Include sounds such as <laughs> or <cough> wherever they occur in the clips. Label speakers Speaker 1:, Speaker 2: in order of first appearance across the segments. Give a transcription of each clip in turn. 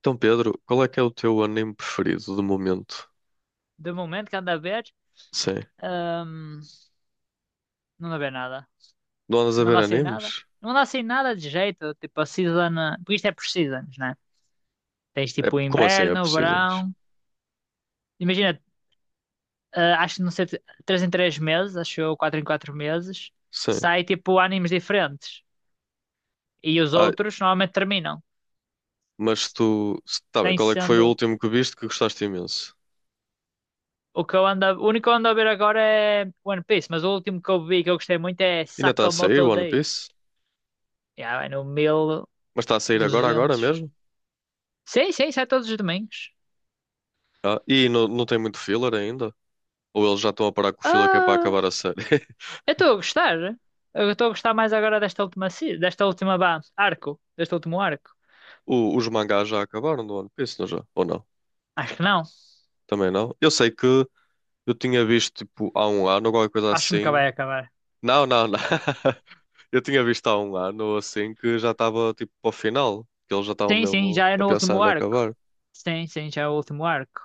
Speaker 1: Então, Pedro, qual é que é o teu anime preferido do momento?
Speaker 2: De momento que anda a ver,
Speaker 1: Sim.
Speaker 2: hum, não anda a ver nada.
Speaker 1: Não andas a
Speaker 2: Não
Speaker 1: ver
Speaker 2: anda sem nada.
Speaker 1: animes?
Speaker 2: Não anda sem nada de jeito. Tipo, a season. Porque isto é por seasons, né? Tens
Speaker 1: É,
Speaker 2: tipo o
Speaker 1: como assim é
Speaker 2: inverno, o
Speaker 1: preciso? Antes.
Speaker 2: verão. Imagina, acho que não sei, 3 em 3 meses, acho eu, 4 em 4 meses,
Speaker 1: Sim.
Speaker 2: sai tipo animes diferentes. E os
Speaker 1: Ah,
Speaker 2: outros normalmente terminam.
Speaker 1: mas tu. Tá bem,
Speaker 2: Tem
Speaker 1: qual é que foi o
Speaker 2: sendo.
Speaker 1: último que viste que gostaste imenso?
Speaker 2: O que eu ando, o único que eu ando a ver agora é One Piece, mas o último que eu vi que eu gostei muito é
Speaker 1: Ainda está a sair
Speaker 2: Sakamoto
Speaker 1: One
Speaker 2: Days.
Speaker 1: Piece?
Speaker 2: Yeah, vai no mil
Speaker 1: Mas está a
Speaker 2: e
Speaker 1: sair agora, agora
Speaker 2: duzentos
Speaker 1: mesmo?
Speaker 2: Sim, sim, sai todos os domingos.
Speaker 1: Ah, e não, tem muito filler ainda? Ou eles já estão a parar com o filler que é para
Speaker 2: Ah,
Speaker 1: acabar a série? <laughs>
Speaker 2: eu estou a gostar. Eu estou a gostar mais agora desta última, desta última arco, deste último arco.
Speaker 1: O- os mangás já acabaram do One Piece, não já? Ou não?
Speaker 2: Acho que não.
Speaker 1: Também não? Eu sei que eu tinha visto tipo há um ano, ou qualquer coisa
Speaker 2: Acho que nunca vai
Speaker 1: assim.
Speaker 2: acabar.
Speaker 1: Não. <laughs> Eu tinha visto há um ano ou assim que já estava tipo para o final, que eles já estavam
Speaker 2: Sim, sim,
Speaker 1: mesmo
Speaker 2: já é
Speaker 1: a
Speaker 2: no
Speaker 1: pensar
Speaker 2: último
Speaker 1: em
Speaker 2: arco.
Speaker 1: acabar.
Speaker 2: Sim, sim, já é o último arco.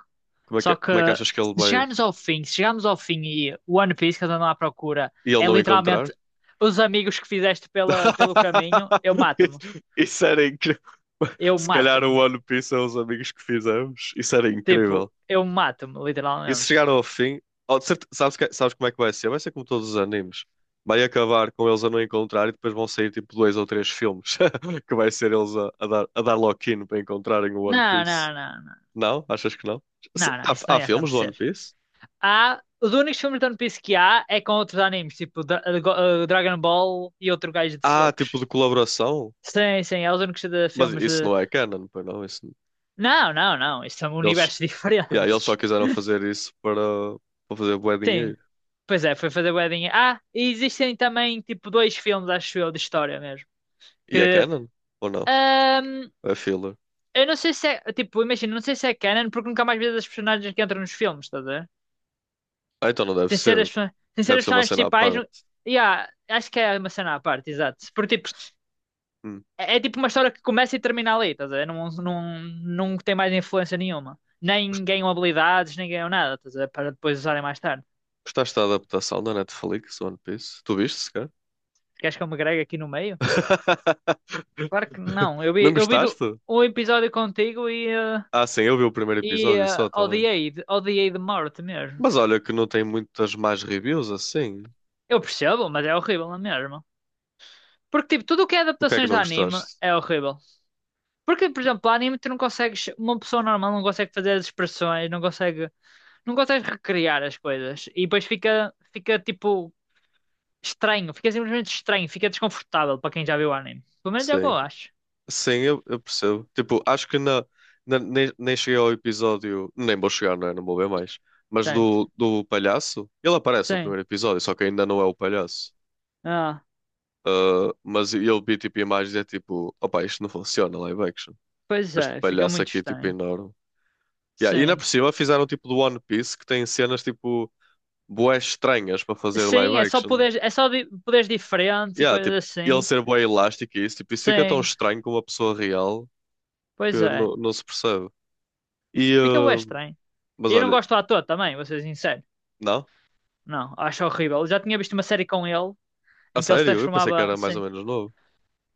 Speaker 1: Como é que,
Speaker 2: Só
Speaker 1: é,
Speaker 2: que
Speaker 1: como é que achas que ele
Speaker 2: se
Speaker 1: vai
Speaker 2: chegarmos ao fim, se chegarmos ao fim e o One Piece que eu ando à procura
Speaker 1: e ele
Speaker 2: é
Speaker 1: não
Speaker 2: literalmente
Speaker 1: encontrar?
Speaker 2: os amigos que fizeste pelo caminho, eu
Speaker 1: <laughs>
Speaker 2: mato-me.
Speaker 1: Isso era incrível. <laughs>
Speaker 2: Eu
Speaker 1: Se calhar o
Speaker 2: mato-me.
Speaker 1: One Piece é os amigos que fizemos. Isso era incrível.
Speaker 2: Tipo, eu mato-me,
Speaker 1: E se
Speaker 2: literalmente.
Speaker 1: chegar ao fim, oh, de certe- sabes, que- sabes como é que vai ser? Vai ser como todos os animes. Vai acabar com eles a não encontrar e depois vão sair tipo dois ou três filmes <laughs> que vai ser eles a dar lock-in para encontrarem o One
Speaker 2: Não,
Speaker 1: Piece.
Speaker 2: não, não, não.
Speaker 1: Não? Achas que não? Se-
Speaker 2: Não, não, isso
Speaker 1: Há,
Speaker 2: não
Speaker 1: há
Speaker 2: ia
Speaker 1: filmes do One
Speaker 2: acontecer.
Speaker 1: Piece?
Speaker 2: Há, os únicos filmes de One Piece que há é com outros animes, tipo Dragon Ball e outro gajo de
Speaker 1: Há
Speaker 2: socos.
Speaker 1: tipo de colaboração?
Speaker 2: Sim, sim, é os únicos de
Speaker 1: Mas
Speaker 2: filmes
Speaker 1: isso
Speaker 2: de.
Speaker 1: não é canon, pois não? Isso,
Speaker 2: Não, não, não, isto são
Speaker 1: eles,
Speaker 2: universos <laughs>
Speaker 1: yeah, eles só
Speaker 2: diferentes.
Speaker 1: quiseram fazer isso para, para fazer bué
Speaker 2: Sim,
Speaker 1: dinheiro.
Speaker 2: pois é, foi fazer wedding. Ah, e existem também, tipo, dois filmes, acho eu, de história mesmo.
Speaker 1: E é
Speaker 2: Que.
Speaker 1: canon? Ou não?
Speaker 2: ahm,
Speaker 1: É filler?
Speaker 2: eu não sei se é. Tipo, imagina, não sei se é canon, porque nunca mais vi as personagens que entram nos filmes, estás a ver?
Speaker 1: Ah, então não deve
Speaker 2: Sem ser
Speaker 1: ser.
Speaker 2: as, sem ser
Speaker 1: Deve
Speaker 2: as
Speaker 1: ser uma
Speaker 2: personagens
Speaker 1: cena à
Speaker 2: principais,
Speaker 1: parte.
Speaker 2: Yeah, acho que é uma cena à parte, exato. Porque, tipo,
Speaker 1: Hum.
Speaker 2: é tipo uma história que começa e termina ali, estás a ver? Não, não, não tem mais influência nenhuma. Nem ganham habilidades, nem ganham nada, estás a ver? Para depois usarem mais tarde.
Speaker 1: Gostaste da adaptação da Netflix, One Piece? Tu viste, cara?
Speaker 2: Queres que eu me gregue aqui no meio?
Speaker 1: <laughs>
Speaker 2: Claro que não. Eu
Speaker 1: Não
Speaker 2: vi, eu vi do,
Speaker 1: gostaste?
Speaker 2: um episódio contigo e, eh,
Speaker 1: Ah, sim, eu vi o primeiro
Speaker 2: e
Speaker 1: episódio
Speaker 2: eh,
Speaker 1: só também.
Speaker 2: odiei de morte mesmo.
Speaker 1: Mas olha que não tem muitas mais reviews assim.
Speaker 2: Eu percebo, mas é horrível na mesma. Porque, tipo, tudo o que é
Speaker 1: O que é que
Speaker 2: adaptações de
Speaker 1: não
Speaker 2: anime
Speaker 1: gostaste?
Speaker 2: é horrível. Porque, por exemplo, anime tu não consegues. Uma pessoa normal não consegue fazer as expressões, não consegue. Não consegues recriar as coisas. E depois fica tipo, estranho, fica simplesmente estranho, fica desconfortável para quem já viu o anime. Pelo menos é o que
Speaker 1: Sim.
Speaker 2: eu acho.
Speaker 1: Sim, eu percebo. Tipo, acho que na, nem cheguei ao episódio. Nem vou chegar, não é? Não vou ver mais. Mas
Speaker 2: Certo.
Speaker 1: do, do palhaço. Ele aparece no
Speaker 2: Sim.
Speaker 1: primeiro episódio, só que ainda não é o palhaço.
Speaker 2: Ah,
Speaker 1: Ah, mas eu vi tipo imagens e é tipo, opa, isto não funciona, live action.
Speaker 2: pois
Speaker 1: Este
Speaker 2: é, fica
Speaker 1: palhaço
Speaker 2: muito
Speaker 1: aqui é tipo
Speaker 2: estranho.
Speaker 1: enorme. Yeah, e ainda
Speaker 2: Sim.
Speaker 1: por cima fizeram tipo do One Piece que tem cenas tipo bué estranhas para fazer live
Speaker 2: Sim, é só
Speaker 1: action.
Speaker 2: poderes, é só di- poderes diferentes e
Speaker 1: Yeah,
Speaker 2: coisas
Speaker 1: tipo, ele
Speaker 2: assim.
Speaker 1: ser bué elástico e isso, tipo, isso fica tão
Speaker 2: Sim,
Speaker 1: estranho com uma pessoa real
Speaker 2: pois
Speaker 1: que
Speaker 2: é.
Speaker 1: não se percebe. E,
Speaker 2: Fica bué estranho.
Speaker 1: mas
Speaker 2: E eu não
Speaker 1: olha,
Speaker 2: gosto do ator também, vou ser sincero.
Speaker 1: não?
Speaker 2: Não, acho horrível. Eu já tinha visto uma série com ele
Speaker 1: A
Speaker 2: em que ele se
Speaker 1: sério? Eu pensei que
Speaker 2: transformava,
Speaker 1: era mais ou
Speaker 2: sim,
Speaker 1: menos novo.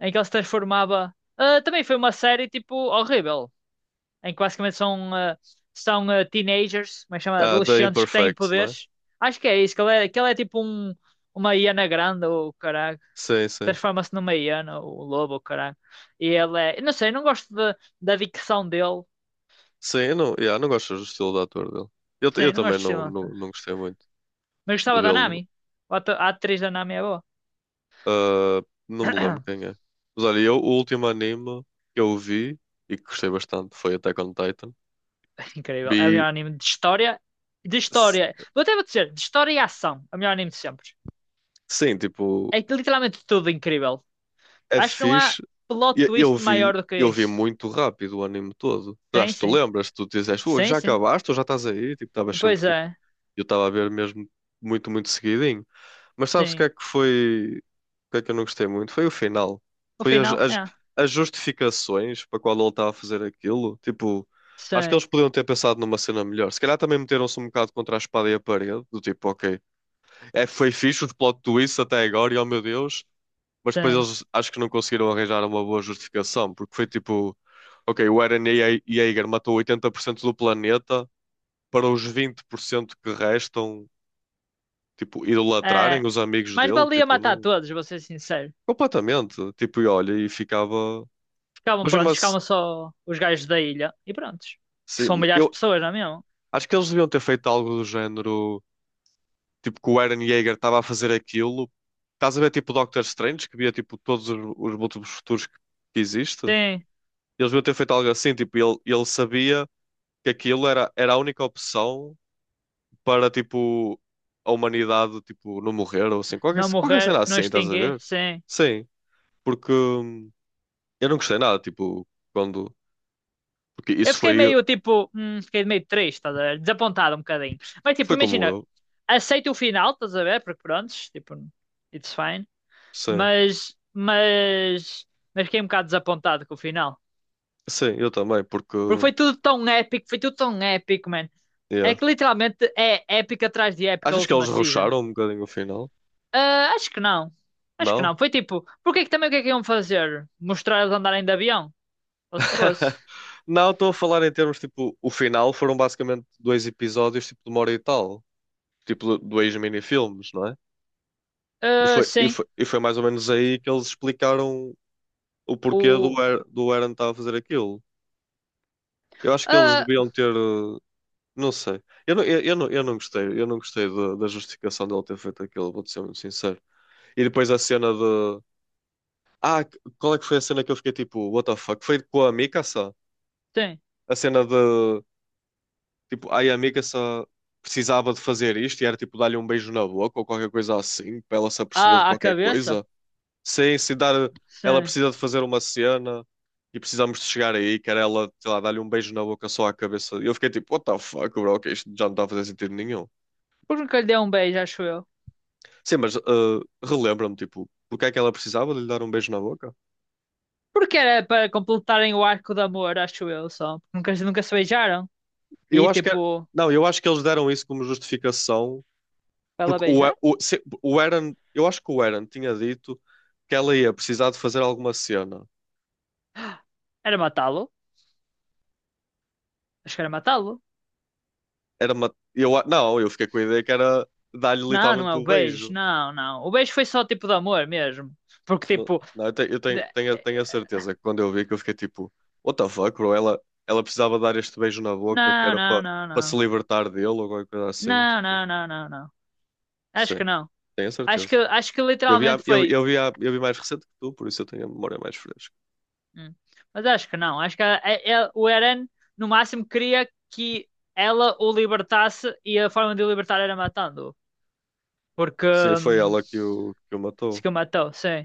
Speaker 2: em que ele se transformava. Ah, também foi uma série tipo horrível, em que basicamente são teenagers, como é que chama?
Speaker 1: Ah, da
Speaker 2: Adolescentes que têm
Speaker 1: Imperfect, não é?
Speaker 2: poderes. Acho que é isso, que ele é tipo uma hiena grande, ou caralho.
Speaker 1: Sim, sim.
Speaker 2: Transforma-se numa hiena, ou um lobo, ou caralho. E ele é. Não sei, não gosto da dicção dele.
Speaker 1: Sim, eu não, yeah, não gosto do estilo de ator dele. Eu
Speaker 2: Sim, não
Speaker 1: também
Speaker 2: gosto de Sri
Speaker 1: não, não,
Speaker 2: Lanka.
Speaker 1: não gostei muito
Speaker 2: Mas
Speaker 1: de
Speaker 2: gostava da
Speaker 1: vê-lo.
Speaker 2: Nami. A atriz da Nami é boa.
Speaker 1: Ah, não me lembro quem
Speaker 2: <coughs>
Speaker 1: é. Mas olha, eu, o último anime que eu vi e que gostei bastante foi Attack on Titan.
Speaker 2: <clears throat> Incrível. É o
Speaker 1: Vi,
Speaker 2: melhor anime de história. De
Speaker 1: s-
Speaker 2: história. Vou dizer, de história e ação. É o melhor anime de sempre.
Speaker 1: sim, tipo,
Speaker 2: É literalmente tudo incrível.
Speaker 1: é
Speaker 2: Acho que não há
Speaker 1: fixe.
Speaker 2: plot
Speaker 1: E- Eu,
Speaker 2: twist maior
Speaker 1: vi,
Speaker 2: do que
Speaker 1: eu vi
Speaker 2: isso.
Speaker 1: muito rápido o anime todo.
Speaker 2: Sim,
Speaker 1: Acho que tu
Speaker 2: sim.
Speaker 1: lembras, tu dizes: "Ui,
Speaker 2: Sim,
Speaker 1: já
Speaker 2: sim.
Speaker 1: acabaste ou já estás aí?" Tipo, estavas sempre.
Speaker 2: Pois é.
Speaker 1: Eu estava a ver mesmo muito seguidinho. Mas sabes o que
Speaker 2: Sim.
Speaker 1: é que foi? O que é que eu não gostei muito? Foi o final.
Speaker 2: O
Speaker 1: Foi as,
Speaker 2: final,
Speaker 1: as,
Speaker 2: é.
Speaker 1: as justificações para qual ele estava a fazer aquilo. Tipo, acho que
Speaker 2: Sim,
Speaker 1: eles podiam ter pensado numa cena melhor. Se calhar também meteram-se um bocado contra a espada e a parede. Do tipo, ok, é, foi fixe o plot twist até agora e oh meu Deus. Mas depois
Speaker 2: sim.
Speaker 1: eles acho que não conseguiram arranjar uma boa justificação. Porque foi tipo, ok, o Eren Ye- Yeager matou 80% do planeta para os 20% que restam tipo,
Speaker 2: É.
Speaker 1: idolatrarem os amigos
Speaker 2: Mas
Speaker 1: dele,
Speaker 2: valia
Speaker 1: tipo,
Speaker 2: matar
Speaker 1: não,
Speaker 2: todos, vou ser sincero.
Speaker 1: completamente, tipo, e olha, e ficava,
Speaker 2: Ficavam
Speaker 1: mas mesmo
Speaker 2: prontos,
Speaker 1: assim,
Speaker 2: ficavam só os gajos da ilha. E prontos. Que são
Speaker 1: sim,
Speaker 2: milhares de
Speaker 1: eu
Speaker 2: pessoas, não é mesmo?
Speaker 1: acho que eles deviam ter feito algo do género, tipo, que o Eren Yeager estava a fazer aquilo, estás a ver, tipo, Doctor Strange, que via, tipo, todos os múltiplos futuros que existe,
Speaker 2: Sim.
Speaker 1: eles deviam ter feito algo assim, tipo, ele sabia que aquilo era, era a única opção para, tipo, a humanidade, tipo, não morrer, ou assim, qualquer,
Speaker 2: Não
Speaker 1: qualquer
Speaker 2: morrer,
Speaker 1: cena
Speaker 2: não
Speaker 1: assim, estás a
Speaker 2: extinguir,
Speaker 1: ver?
Speaker 2: sim.
Speaker 1: Sim, porque... eu não gostei nada, tipo, quando. Porque
Speaker 2: Eu
Speaker 1: isso
Speaker 2: fiquei
Speaker 1: foi.
Speaker 2: meio, tipo, fiquei meio triste, estás a ver? Desapontado um bocadinho. Mas, tipo,
Speaker 1: Foi como
Speaker 2: imagina,
Speaker 1: eu.
Speaker 2: aceito o final, estás a ver? Porque prontos, tipo, it's fine.
Speaker 1: Sim.
Speaker 2: Mas, mas, mas fiquei um bocado desapontado com o final.
Speaker 1: Sim, eu também, porque.
Speaker 2: Porque foi tudo tão épico, foi tudo tão épico, man. É
Speaker 1: Yeah.
Speaker 2: que literalmente é épica atrás de épica a
Speaker 1: Achas que eles
Speaker 2: última season.
Speaker 1: rusharam um bocadinho o final?
Speaker 2: Ah, acho que não. Acho que
Speaker 1: Não?
Speaker 2: não. Foi tipo, porque é que também o que é que iam fazer? Mostrar eles andarem de avião? Ou se fosse?
Speaker 1: <laughs> Não, estou a falar em termos, tipo, o final foram basicamente dois episódios, tipo, de uma hora e tal. Tipo, dois mini-filmes, não é? E
Speaker 2: Ah,
Speaker 1: foi, e
Speaker 2: sim.
Speaker 1: foi, e foi mais ou menos aí que eles explicaram o porquê
Speaker 2: O.
Speaker 1: Do Aaron estar a fazer aquilo. Eu acho que eles
Speaker 2: Ah,
Speaker 1: deviam ter. Não sei. Eu não gostei. Eu não gostei da, da justificação dele ter feito aquilo, vou-te ser muito sincero. E depois a cena de. Ah, qual é que foi a cena que eu fiquei tipo, what the fuck? Foi com a Mikasa?
Speaker 2: sim.
Speaker 1: A cena de. Tipo, ai, a Mikasa precisava de fazer isto e era tipo dar-lhe um beijo na boca ou qualquer coisa assim, para ela se aperceber de
Speaker 2: Ah, a
Speaker 1: qualquer
Speaker 2: cabeça?
Speaker 1: coisa. Sim, se dar. Ela
Speaker 2: Sim.
Speaker 1: precisa de fazer uma cena e precisamos de chegar aí, que era ela, sei lá, dar-lhe um beijo na boca só à cabeça. E eu fiquei tipo, what the fuck, bro, que isto já não está a fazer sentido nenhum.
Speaker 2: Porque nunca lhe deu um beijo, acho eu.
Speaker 1: Sim, mas ah, relembra-me, tipo, porque é que ela precisava de lhe dar um beijo na boca?
Speaker 2: Porque era para completarem o arco de amor, acho eu, só. Nunca se beijaram.
Speaker 1: Eu
Speaker 2: E
Speaker 1: acho que é-
Speaker 2: tipo,
Speaker 1: não, eu acho que eles deram isso como justificação,
Speaker 2: para ela
Speaker 1: porque
Speaker 2: beijar?
Speaker 1: o, se- o Aaron, eu acho que o Aaron tinha dito que ela ia precisar de fazer alguma cena.
Speaker 2: Era matá-lo. Acho que era matá-lo.
Speaker 1: Era uma, eu, a- não, eu fiquei com a ideia que era dar-lhe
Speaker 2: Não, não é
Speaker 1: literalmente
Speaker 2: o
Speaker 1: o
Speaker 2: beijo,
Speaker 1: beijo.
Speaker 2: não, não. O beijo foi só tipo de amor mesmo. Porque
Speaker 1: Não,
Speaker 2: tipo.
Speaker 1: não, eu tenho,
Speaker 2: de-
Speaker 1: tenho, a- tenho a certeza que quando eu vi que eu fiquei tipo, what the fuck, bro? Ela precisava dar este beijo na boca que
Speaker 2: Não,
Speaker 1: era
Speaker 2: não,
Speaker 1: para
Speaker 2: não,
Speaker 1: para se
Speaker 2: não.
Speaker 1: libertar dele ou alguma coisa assim,
Speaker 2: Não,
Speaker 1: tipo,
Speaker 2: não, não, não, não. Acho que
Speaker 1: sim,
Speaker 2: não.
Speaker 1: tenho a
Speaker 2: Acho que,
Speaker 1: certeza.
Speaker 2: acho que
Speaker 1: Eu vi, a-
Speaker 2: literalmente
Speaker 1: eu,
Speaker 2: foi.
Speaker 1: eu vi, a- eu vi mais recente que tu, por isso eu tenho a memória mais fresca.
Speaker 2: Hum. Mas acho que não. Acho que o Eren, no máximo, queria que ela o libertasse e a forma de o libertar era matando-o. Porque,
Speaker 1: Sim, foi ela que o
Speaker 2: se
Speaker 1: matou.
Speaker 2: que o matou, sim.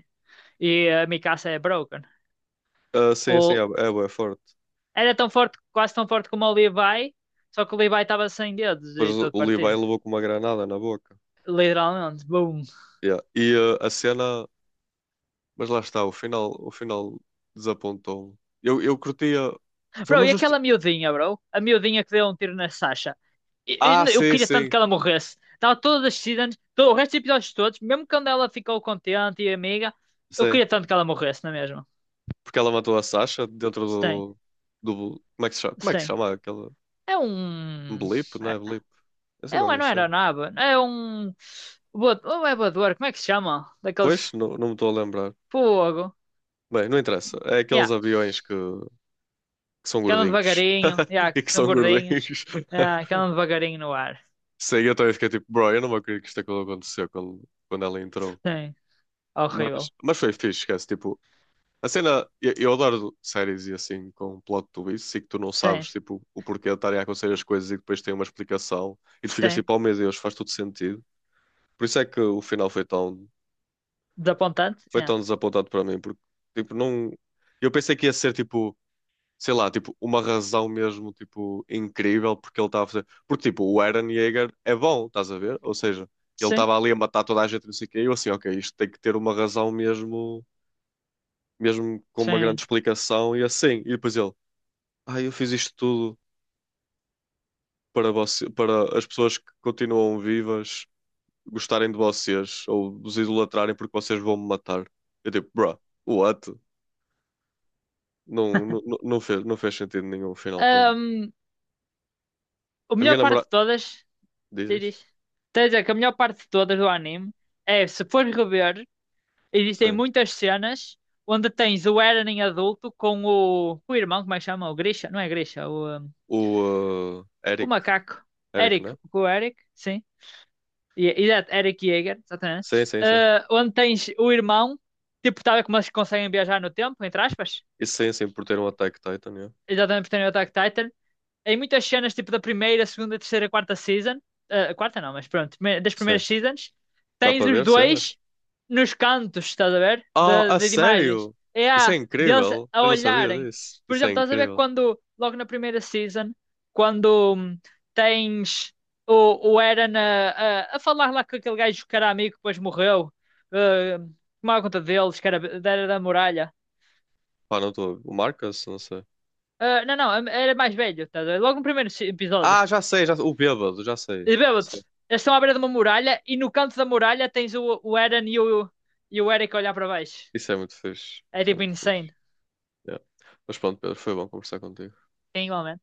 Speaker 2: E a Mikasa é broken.
Speaker 1: Ah, sim, sim, é,
Speaker 2: O,
Speaker 1: é, bué forte.
Speaker 2: Era tão forte, quase tão forte como o Levi, só que o Levi estava sem dedos
Speaker 1: Depois
Speaker 2: e
Speaker 1: o
Speaker 2: todo
Speaker 1: o Levi
Speaker 2: partido.
Speaker 1: levou com uma granada na boca.
Speaker 2: Literalmente, boom.
Speaker 1: Yeah. E ah, a cena. Mas lá está, o final desapontou-me. Eu curtia. Foi
Speaker 2: Bro,
Speaker 1: uma
Speaker 2: e
Speaker 1: justi...
Speaker 2: aquela miudinha, bro? A miudinha que deu um tiro na Sasha.
Speaker 1: Ah,
Speaker 2: Eu
Speaker 1: sim,
Speaker 2: queria tanto
Speaker 1: sim,
Speaker 2: que ela morresse. Estava toda decidida, todo o resto dos episódios todos, mesmo quando ela ficou contente e amiga, eu
Speaker 1: sim.
Speaker 2: queria tanto que ela morresse, não é mesmo?
Speaker 1: Porque ela matou a Sasha dentro
Speaker 2: Sim,
Speaker 1: do. Do... Como é que se chama? Como é que se
Speaker 2: sim.
Speaker 1: chama aquela.
Speaker 2: É um.
Speaker 1: Blip, não é? Blip. Não
Speaker 2: É,
Speaker 1: sei
Speaker 2: é
Speaker 1: qual
Speaker 2: um,
Speaker 1: é a
Speaker 2: não era
Speaker 1: cena.
Speaker 2: nada. É um. Não é voador, como é que se chama? Daqueles.
Speaker 1: Pois, não, não me estou a lembrar.
Speaker 2: Fogo.
Speaker 1: Bem, não interessa. É aqueles
Speaker 2: Yeah,
Speaker 1: aviões que são
Speaker 2: que andam
Speaker 1: gordinhos.
Speaker 2: devagarinho. Yeah,
Speaker 1: <laughs> E
Speaker 2: que
Speaker 1: que
Speaker 2: são
Speaker 1: são
Speaker 2: gordinhos.
Speaker 1: gordinhos.
Speaker 2: Yeah, que andam devagarinho no ar.
Speaker 1: Sei, eu também fiquei tipo, bro, eu não me acredito que isto é quando aconteceu quando, quando ela entrou.
Speaker 2: Sim, horrível.
Speaker 1: Mas foi fixe, esquece. Tipo, a cena, eu adoro séries e assim com plot twist e que tu não sabes
Speaker 2: Sim.
Speaker 1: tipo, o porquê de estarem a acontecer as coisas e depois tem uma explicação e tu ficas
Speaker 2: Sim,
Speaker 1: tipo, oh meu Deus, faz tudo sentido. Por isso é que o final
Speaker 2: desapontante.
Speaker 1: foi
Speaker 2: Yeah.
Speaker 1: tão desapontado para mim, porque tipo, não. Eu pensei que ia ser tipo. Sei lá, tipo, uma razão mesmo, tipo, incrível porque ele estava a fazer. Porque, tipo, o Eren Yeager é bom, estás a ver? Ou seja, ele
Speaker 2: Sim,
Speaker 1: estava ali a matar toda a gente, não sei o quê, e eu assim, ok, isto tem que ter uma razão mesmo, mesmo com uma grande
Speaker 2: sim.
Speaker 1: explicação e assim. E depois ele, ah, eu fiz isto tudo para você, para as pessoas que continuam vivas gostarem de vocês ou vos idolatrarem porque vocês vão me matar. Eu tipo, bruh, what? Não, não fez sentido nenhum o final para mim.
Speaker 2: Ahm, a
Speaker 1: A
Speaker 2: melhor
Speaker 1: minha
Speaker 2: parte de
Speaker 1: namorada.
Speaker 2: todas, diz.
Speaker 1: Dizes?
Speaker 2: Diz. Quer dizer que a melhor parte de todas do anime é, se fores rever, existem
Speaker 1: Sim.
Speaker 2: muitas cenas onde tens o Eren em adulto com o irmão, como é que chama? O Grisha? Não é Grisha, o, ahm,
Speaker 1: O
Speaker 2: o
Speaker 1: Eric.
Speaker 2: macaco.
Speaker 1: Eric, né?
Speaker 2: Com o Eric, sim. Exato, Eric Yeager,
Speaker 1: Sim,
Speaker 2: exatamente.
Speaker 1: sim, sim.
Speaker 2: Ah, onde tens o irmão, tipo, tal como eles conseguem viajar no tempo, entre aspas.
Speaker 1: E sim, sim, por ter um Attack Titan, yeah.
Speaker 2: Exatamente, porque tem o Attack Titan, em muitas cenas, tipo da primeira, segunda, terceira, quarta season, ah, a quarta não, mas pronto, das
Speaker 1: Sim.
Speaker 2: primeiras seasons,
Speaker 1: Dá
Speaker 2: tens
Speaker 1: para
Speaker 2: os
Speaker 1: ver
Speaker 2: dois
Speaker 1: cenas?
Speaker 2: nos cantos, estás a ver?
Speaker 1: Ah,
Speaker 2: De,
Speaker 1: a
Speaker 2: de, imagens.
Speaker 1: sério?
Speaker 2: É
Speaker 1: Isso é
Speaker 2: a deles
Speaker 1: incrível.
Speaker 2: a
Speaker 1: Eu não sabia
Speaker 2: olharem.
Speaker 1: disso.
Speaker 2: Por
Speaker 1: Isso
Speaker 2: exemplo,
Speaker 1: é
Speaker 2: estás a ver
Speaker 1: incrível.
Speaker 2: quando, logo na primeira season, quando tens o Eren a, falar lá com aquele gajo que era amigo, que depois morreu, ah, tomava conta deles, que era da muralha.
Speaker 1: Pá, não estou. O Marcus? Não sei.
Speaker 2: Ah, não, não, era mais velho, estás. Logo no primeiro episódio.
Speaker 1: Ah, já sei, já... o bêbado, já sei.
Speaker 2: E
Speaker 1: Sim.
Speaker 2: bêbados, eles estão à beira de uma muralha e no canto da muralha tens o Eren e o Eric a olhar para baixo.
Speaker 1: Isso é muito fixe.
Speaker 2: É
Speaker 1: Isso é
Speaker 2: tipo
Speaker 1: muito
Speaker 2: insane.
Speaker 1: fixe. Yeah. Mas pronto, Pedro, foi bom conversar contigo.
Speaker 2: É igual né?